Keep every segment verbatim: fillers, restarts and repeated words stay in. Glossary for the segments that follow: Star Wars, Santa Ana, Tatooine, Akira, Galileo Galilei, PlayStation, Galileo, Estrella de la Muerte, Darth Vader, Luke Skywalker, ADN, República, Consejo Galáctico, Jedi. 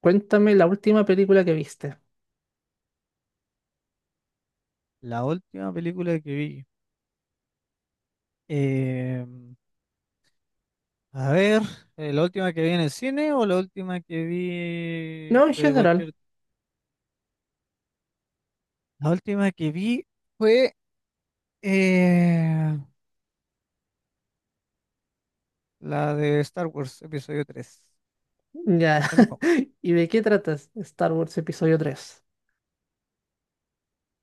Cuéntame la última película que viste. La última película que vi. eh, a ver. Eh, ¿la última que vi en el cine o la última que vi No, en de general. cualquier...? La última que vi fue eh, la de Star Wars, episodio tres. Ya. De nuevo, ¿Y de qué tratas? ¿Star Wars Episodio tres?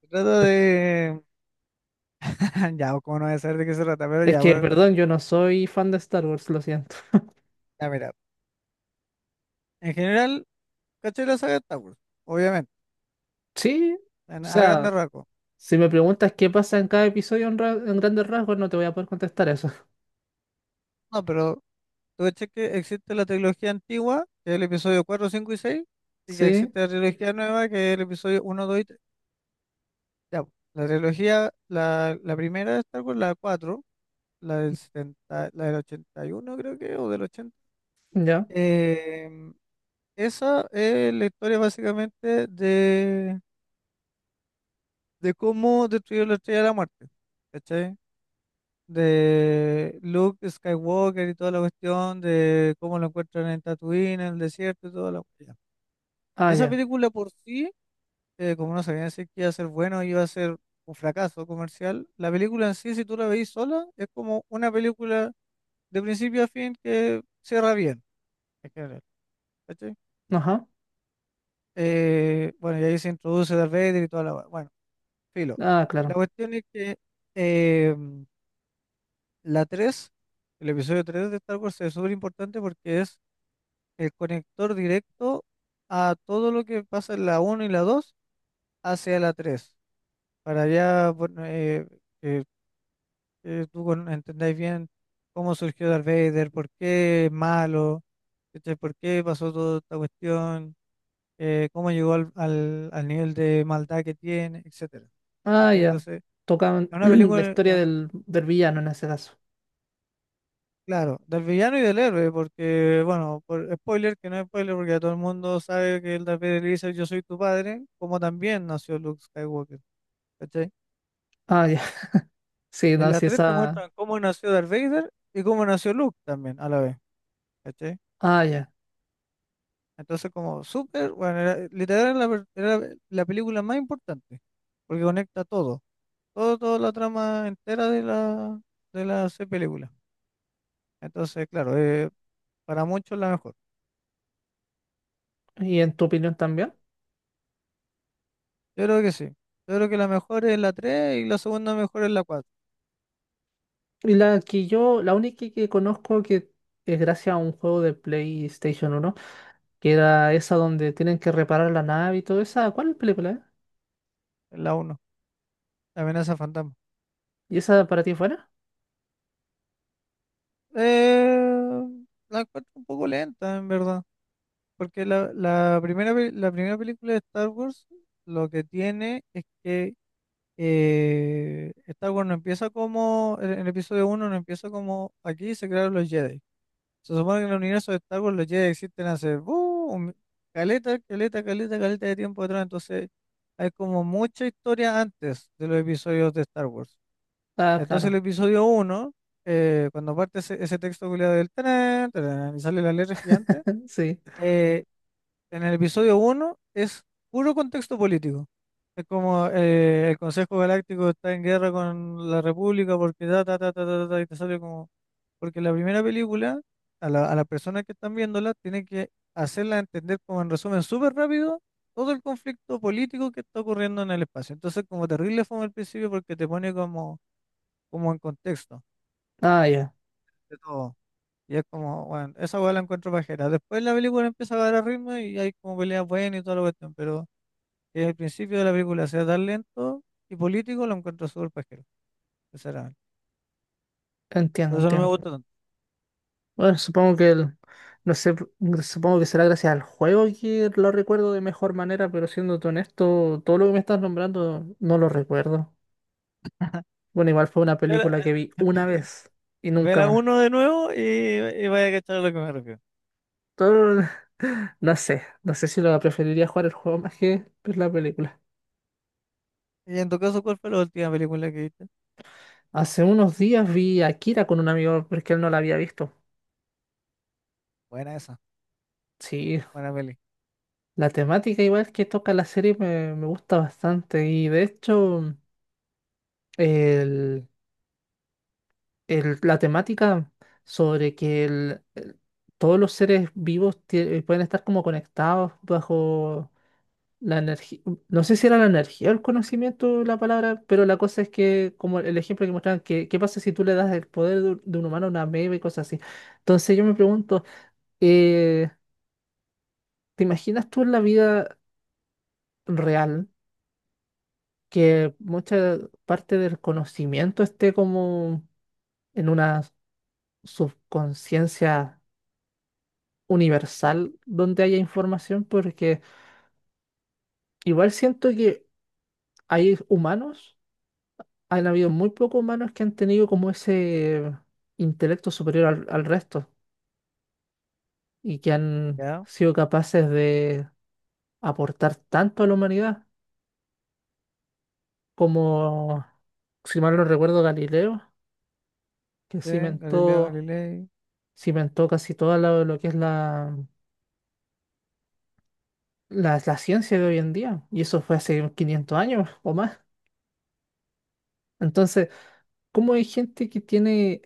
se trata de... Ya, o como no voy a saber de qué se trata, pero Es ya, que, bueno, perdón, yo no soy fan de Star Wars, lo siento. ya mira. En general, caché la saga de Star Wars, obviamente, Sí, o en- a sea, grandes rasgos. si me preguntas qué pasa en cada episodio en, ra- en grandes rasgos, no te voy a poder contestar eso. No, pero, ¿tú ves que existe la trilogía antigua, que es el episodio cuatro, cinco y seis, Y que Sí, existe la trilogía nueva, que es el episodio uno, dos y tres? Ya, po. La trilogía, la, la primera de Star Wars, la cuatro, la del setenta, la del ochenta y uno, creo que, o del ochenta. ya. Em, esa es la historia básicamente de, de cómo destruyó la Estrella de la Muerte, ¿cachai? De Luke Skywalker y toda la cuestión de cómo lo encuentran en Tatooine, en el desierto y todo lo que. Ah, Esa ya. película por sí, eh, como no sabían decir que iba a ser bueno, iba a ser un fracaso comercial, la película en sí, si tú la veis sola, es como una película de principio a fin que cierra bien, en general, ¿cachai? Ajá. Eh, bueno, y ahí se introduce Darth Vader y toda la... hua- Bueno, filo. Ah, La claro. cuestión es que eh, la tres, el episodio tres de Star Wars es súper importante porque es el conector directo a todo lo que pasa en la uno y la dos hacia la tres para allá. Bueno, eh, que que tú con- entendáis bien cómo surgió Darth Vader, por qué es malo, ¿cachai? Por qué pasó toda esta cuestión, eh, cómo llegó al, al, al nivel de maldad que tiene, etcétera. Ah, ¿Cachai? ya. Entonces, Tocan es una la película, es historia una- del, del villano en ese caso. claro, del villano y del héroe, porque, bueno, por spoiler, que no es spoiler, porque ya todo el mundo sabe que el Darth Vader le dice, yo soy tu padre, como también nació Luke Skywalker, ¿cachai? Ah, ya. Sí, En no, la sí, tres te esa. muestran cómo nació Darth Vader y cómo nació Luke también a la vez, ¿cachai? Ah, ya. Entonces como súper, bueno, era- literal era la, per- era la película más importante, porque conecta todo, todo, toda la trama entera de la, de las seis películas. Entonces, claro, eh, para muchos la mejor. ¿Y en tu opinión también? Yo creo que sí. Yo creo que la mejor es la tres y la segunda mejor es la cuatro. Y la que yo, la única que conozco que es gracias a un juego de PlayStation uno, que era esa donde tienen que reparar la nave y todo esa, ¿cuál película es? Es la uno, la amenaza fantasma. ¿Y esa para ti fuera? Eh, la encuentro un poco lenta, en verdad. Porque la, la primera, pe- la primera película de Star Wars lo que tiene es que eh, Star Wars no empieza como, en el episodio uno no empieza como aquí se crearon los Jedi. Se supone que en el universo de Star Wars los Jedi existen hace ¡buh! un- caleta, caleta, caleta, caleta de tiempo atrás. Entonces hay como mucha historia antes de los episodios de Star Wars. Ah, Entonces el claro, episodio uno, cuando parte ese, ese texto culiado del tarán, tarán, y sale la letra gigante. sí. eh, en el episodio uno es puro contexto político. Es como eh, el Consejo Galáctico está en guerra con la República porque ta, ta, ta, ta, ta, ta, y te sale como... Porque la primera película, a la, a las personas que están viéndola, tiene que hacerla entender como en resumen súper rápido todo el conflicto político que está ocurriendo en el espacio. Entonces como terrible fue al principio porque te pone como como en contexto Ah, ya. de todo. Y es como, bueno, esa hueá la encuentro pajera. Después la película empieza a agarrar ritmo y hay como peleas buenas y toda la cuestión, pero que el principio de la película sea tan lento y político, lo encuentro súper pajero, sinceramente. Entiendo, Por eso no me entiendo. gusta tanto. Bueno, supongo que el, no sé, pr- supongo que será gracias al juego que lo recuerdo de mejor manera, pero siéndote honesto, todo lo que me estás nombrando no lo recuerdo. Bueno, igual fue una Pero, película que vi una vez y nunca Vela más. uno de nuevo y, y vaya a cachar a lo que me refiero. Todo- No sé, no sé si lo preferiría jugar el juego más que ver la película. Y en tu caso, ¿cuál fue la última película que viste? Hace unos días vi a Akira con un amigo porque él no la había visto. Buena esa, Sí, buena peli. la temática igual que toca la serie me, me gusta bastante, y de hecho el- el- la temática sobre que el- el- todos los seres vivos tie- pueden estar como conectados bajo la energía, no sé si era la energía o el conocimiento la palabra, pero la cosa es que, como el ejemplo que mostraban, que, ¿qué pasa si tú le das el poder de, un de un humano a una ameba y cosas así? Entonces yo me pregunto, eh, ¿te imaginas tú, en la vida real, que mucha parte del conocimiento esté como en una subconsciencia universal donde haya información? Porque igual siento que hay humanos han habido muy pocos humanos que han tenido como ese intelecto superior al, al resto, y que han Ya, sido capaces de aportar tanto a la humanidad como, si mal no recuerdo, Galileo, que sí, Galileo cimentó, Galilei. cimentó casi todo lo, lo que es la, la, la ciencia de hoy en día. Y eso fue hace quinientos años o más. Entonces, ¿cómo hay gente que tiene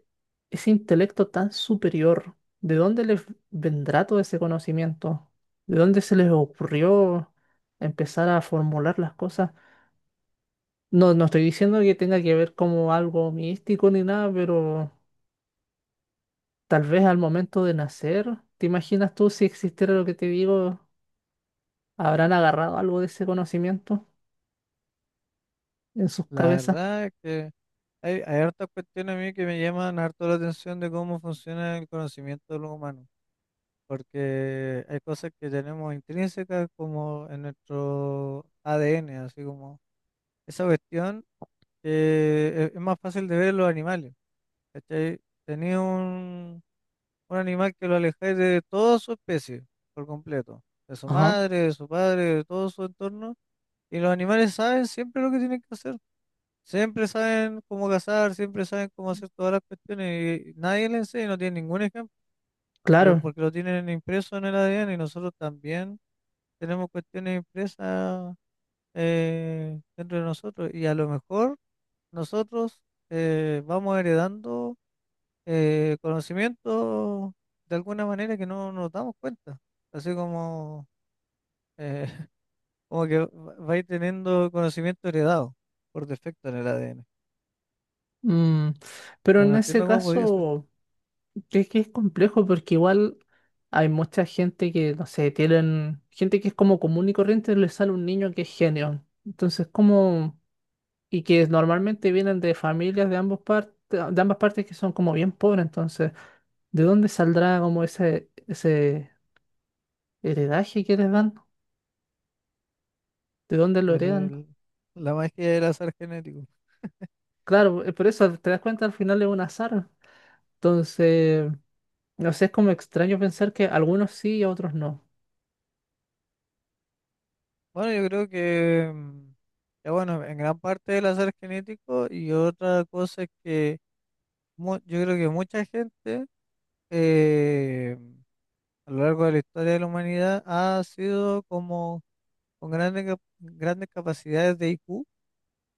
ese intelecto tan superior? ¿De dónde les vendrá todo ese conocimiento? ¿De dónde se les ocurrió empezar a formular las cosas? No, no estoy diciendo que tenga que ver como algo místico ni nada, pero tal vez al momento de nacer, ¿te imaginas tú, si existiera lo que te digo, habrán agarrado algo de ese conocimiento en sus La cabezas? verdad es que Hay, hay hartas cuestiones a mí que me llaman harto la atención de cómo funciona el conocimiento de los humanos, porque hay cosas que tenemos intrínsecas como en nuestro A D N, así como esa cuestión que es es más fácil de ver en los animales. ¿Cachai? Tenía un, un animal que lo alejáis de toda su especie, por completo, de su Ajá, madre, de su padre, de todo su entorno, y los animales saben siempre lo que tienen que hacer. Siempre saben cómo cazar, siempre saben cómo hacer todas las cuestiones y nadie le enseña, no tiene ningún ejemplo, y lo- claro. porque lo tienen impreso en el A D N y nosotros también tenemos cuestiones impresas eh, dentro de nosotros y a lo mejor nosotros eh, vamos heredando eh, conocimiento de alguna manera que no nos damos cuenta, así como, eh, como que va- vais teniendo conocimiento heredado por defecto en el A D N, Mm, pero pero en no ese entiendo cómo podría ser. caso... Es que es complejo, porque igual hay mucha gente que, no sé, tienen gente que es como común y corriente, les sale un niño que es genio. Entonces, como, y que normalmente vienen de familias de ambos partes, de ambas partes que son como bien pobres. Entonces, ¿de dónde saldrá como ese, ese heredaje que les dan? ¿De dónde lo Es heredan? el- la magia del azar genético. Claro, eh, por eso te das cuenta al final es un azar. Entonces, no sé, es como extraño pensar que algunos sí y otros no. Bueno, yo creo que, mm, que bueno, en gran parte del azar genético y otra cosa es que mu- yo creo que mucha gente eh, a lo largo de la historia de la humanidad ha sido como con grandes, cap- grandes capacidades de I Q,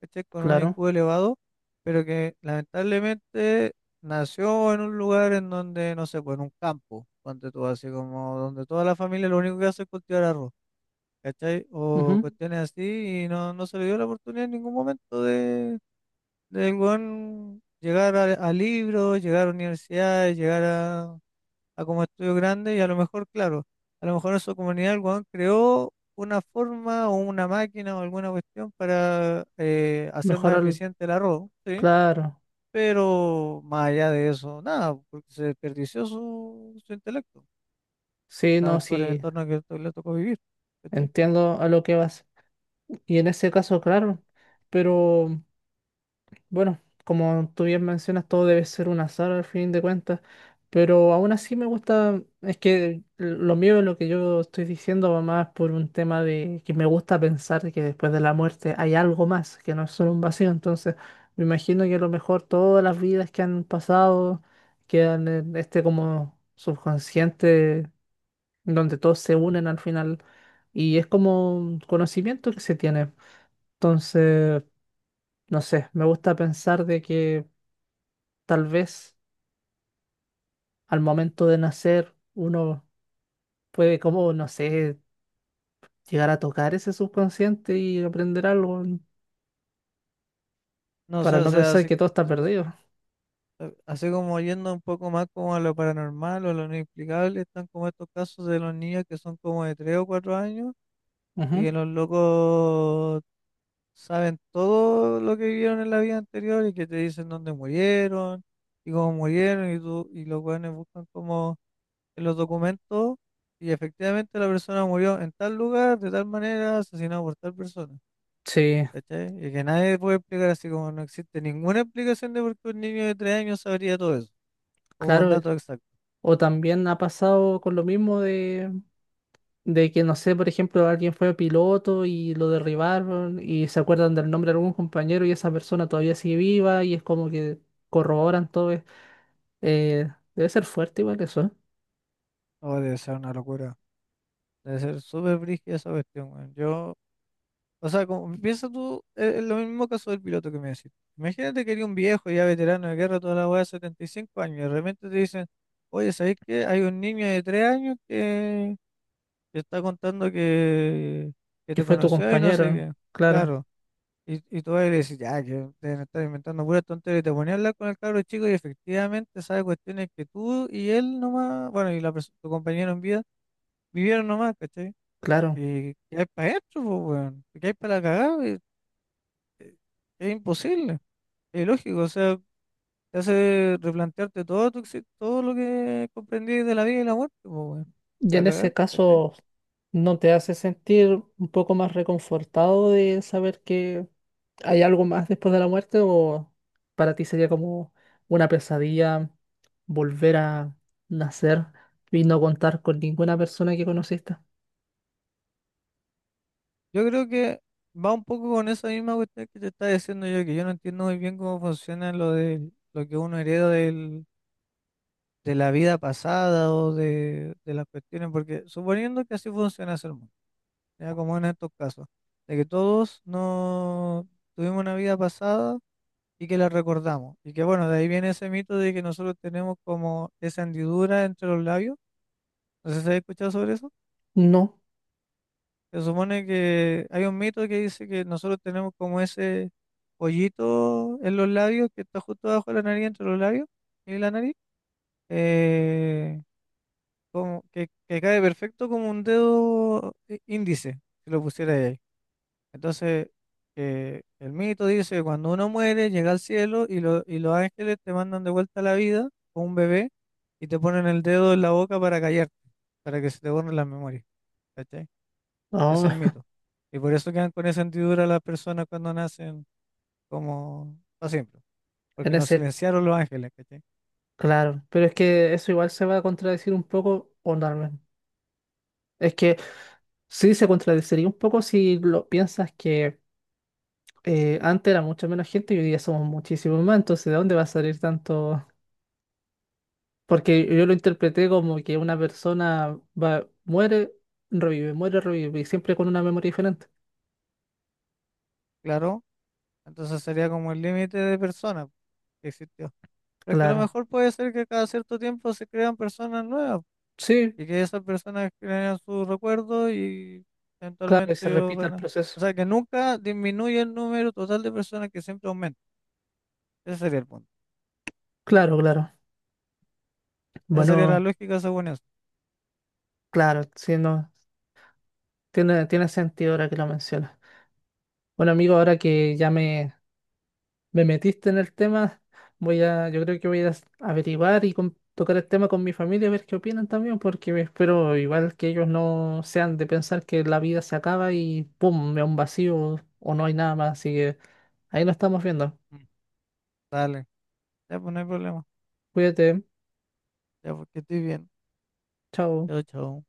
¿cachai? Con un Claro. I Q elevado, pero que lamentablemente nació en un lugar en donde, no sé, pues en un campo, ponte tú así como donde toda la familia lo único que hace es cultivar arroz. ¿Cachai? O Ujú. cuestiones así, y no, no se le dio la oportunidad en ningún momento de, de el weón llegar a, a libros, llegar a universidades, llegar a, a como estudio grande, y a lo mejor, claro, a lo mejor en su comunidad el weón creó una forma o una máquina o alguna cuestión para eh, hacer Mejor más al... eficiente el arroz, ¿sí? Claro. Pero más allá de eso, nada, porque se desperdició su, su intelecto, Sí, no, la- por el sí, entorno que le tocó vivir, ¿cachai? entiendo a lo que vas. Y en ese caso, claro, pero bueno, como tú bien mencionas, todo debe ser un azar al fin de cuentas, pero aún así me gusta. Es que lo mío, lo que yo estoy diciendo va más por un tema de que me gusta pensar que después de la muerte hay algo más, que no es solo un vacío. Entonces me imagino que a lo mejor todas las vidas que han pasado quedan en este como subconsciente donde todos se unen al final, y es como un conocimiento que se tiene. Entonces, no sé, me gusta pensar de que tal vez al momento de nacer uno puede como, no sé, llegar a tocar ese subconsciente y aprender algo, mm, No sé, para o no sea, pensar si- que todo está perdido. eh, Así como yendo un poco más como a lo paranormal o a lo inexplicable, están como estos casos de los niños que son como de tres o cuatro años y Ujú. que los locos saben todo lo que vivieron en la vida anterior y que te dicen dónde murieron y cómo murieron y, tú, y los jóvenes buscan como en los documentos y efectivamente la persona murió en tal lugar, de tal manera, asesinado por tal persona. Sí, ¿Cachai? Y que nadie puede explicar, así como no existe ninguna explicación de por qué un niño de tres años sabría todo eso como con claro. datos. O también ha pasado con lo mismo, de que, no sé, por ejemplo, alguien fue piloto y lo derribaron, y se acuerdan del nombre de algún compañero y esa persona todavía sigue viva, y es como que corroboran todo. eh, eh, Debe ser fuerte igual eso, ¿eh? Oh, debe ser una locura. Debe ser súper brígida esa cuestión, weón. Yo, o sea, como, piensa tú, eh, lo mismo caso del piloto que me decís. Imagínate que eres un viejo ya veterano de guerra, toda la weá de setenta y cinco años, y de repente te dicen, oye, ¿sabés qué? Hay un niño de tres años que, que está contando que, que Que te fue tu conoció y no sé compañero, qué. claro, Claro. Y, y tú vas y le decís, ya, que deben estar inventando puras tonterías. Y te ponías a hablar con el cabro chico y efectivamente sabe cuestiones que tú y él nomás, bueno, y la, pers- tu compañero en vida, vivieron nomás, ¿cachai? claro. Eh, ¿qué hay para esto, po, weón? ¿Qué hay para la cagada? Es, es imposible, es lógico, o sea, te hace replantearte todo, tu, exi- todo lo que comprendí de la vida y la muerte, po, weón. Y A en cagar, ese ¿cachai? caso, ¿no te hace sentir un poco más reconfortado de saber que hay algo más después de la muerte? ¿O para ti sería como una pesadilla volver a nacer y no contar con ninguna persona que conociste? Yo creo que va un poco con esa misma cuestión que te estaba diciendo yo, que yo no entiendo muy bien cómo funciona lo de lo que uno hereda del, de la vida pasada o de, de las cuestiones, porque suponiendo que así funciona el mundo, ya como en estos casos, de que todos no tuvimos una vida pasada y que la recordamos. Y que bueno, de ahí viene ese mito de que nosotros tenemos como esa hendidura entre los labios. No sé si has escuchado sobre eso. No. Se supone que hay un mito que dice que nosotros tenemos como ese pollito en los labios que está justo abajo de la nariz, entre los labios y la nariz, eh, como que, que cae perfecto como un dedo í- índice, si lo pusiera ahí. Entonces, eh, el mito dice que cuando uno muere, llega al cielo, y, lo- y los ángeles te mandan de vuelta a la vida con un bebé y te ponen el dedo en la boca para callarte, para que se te borren las memorias. ¿Cachai? Ese es el Ah, mito. Y por eso quedan con esa hendidura las personas cuando nacen como para siempre, en porque nos ese, silenciaron los ángeles, ¿cachai? claro. Pero es que eso igual se va a contradecir un poco, o no, no. Es que sí se contradeciría un poco si lo piensas, que, eh, antes era mucha menos gente y hoy día somos muchísimos más, entonces ¿de dónde va a salir tanto? Porque yo lo interpreté como que una persona va, muere, revive, muere, revive, y siempre con una memoria diferente. Claro, entonces sería como el límite de personas que existió. Pero que a lo Claro, mejor puede ser que cada cierto tiempo se crean personas nuevas, sí, y que esas personas creen sus recuerdos y claro, y se eventualmente yo repite el renazco. proceso. O sea, que nunca disminuye el número total de personas, que siempre aumenta. Ese sería el punto. Claro, claro. Esa sería la Bueno, lógica según eso. claro, sí, no, tiene, tiene sentido ahora que lo mencionas. Bueno, amigo, ahora que ya me, me metiste en el tema. Voy a, yo creo que voy a s- averiguar y con- tocar el tema con mi familia, a ver qué opinan también, porque me espero igual que ellos no sean de pensar que la vida se acaba y pum, me da un vacío o no hay nada más. Así que ahí lo estamos viendo. Mm. Dale, ya pues no hay problema. Cuídate, Ya porque estoy bien. chao. Chao, chao.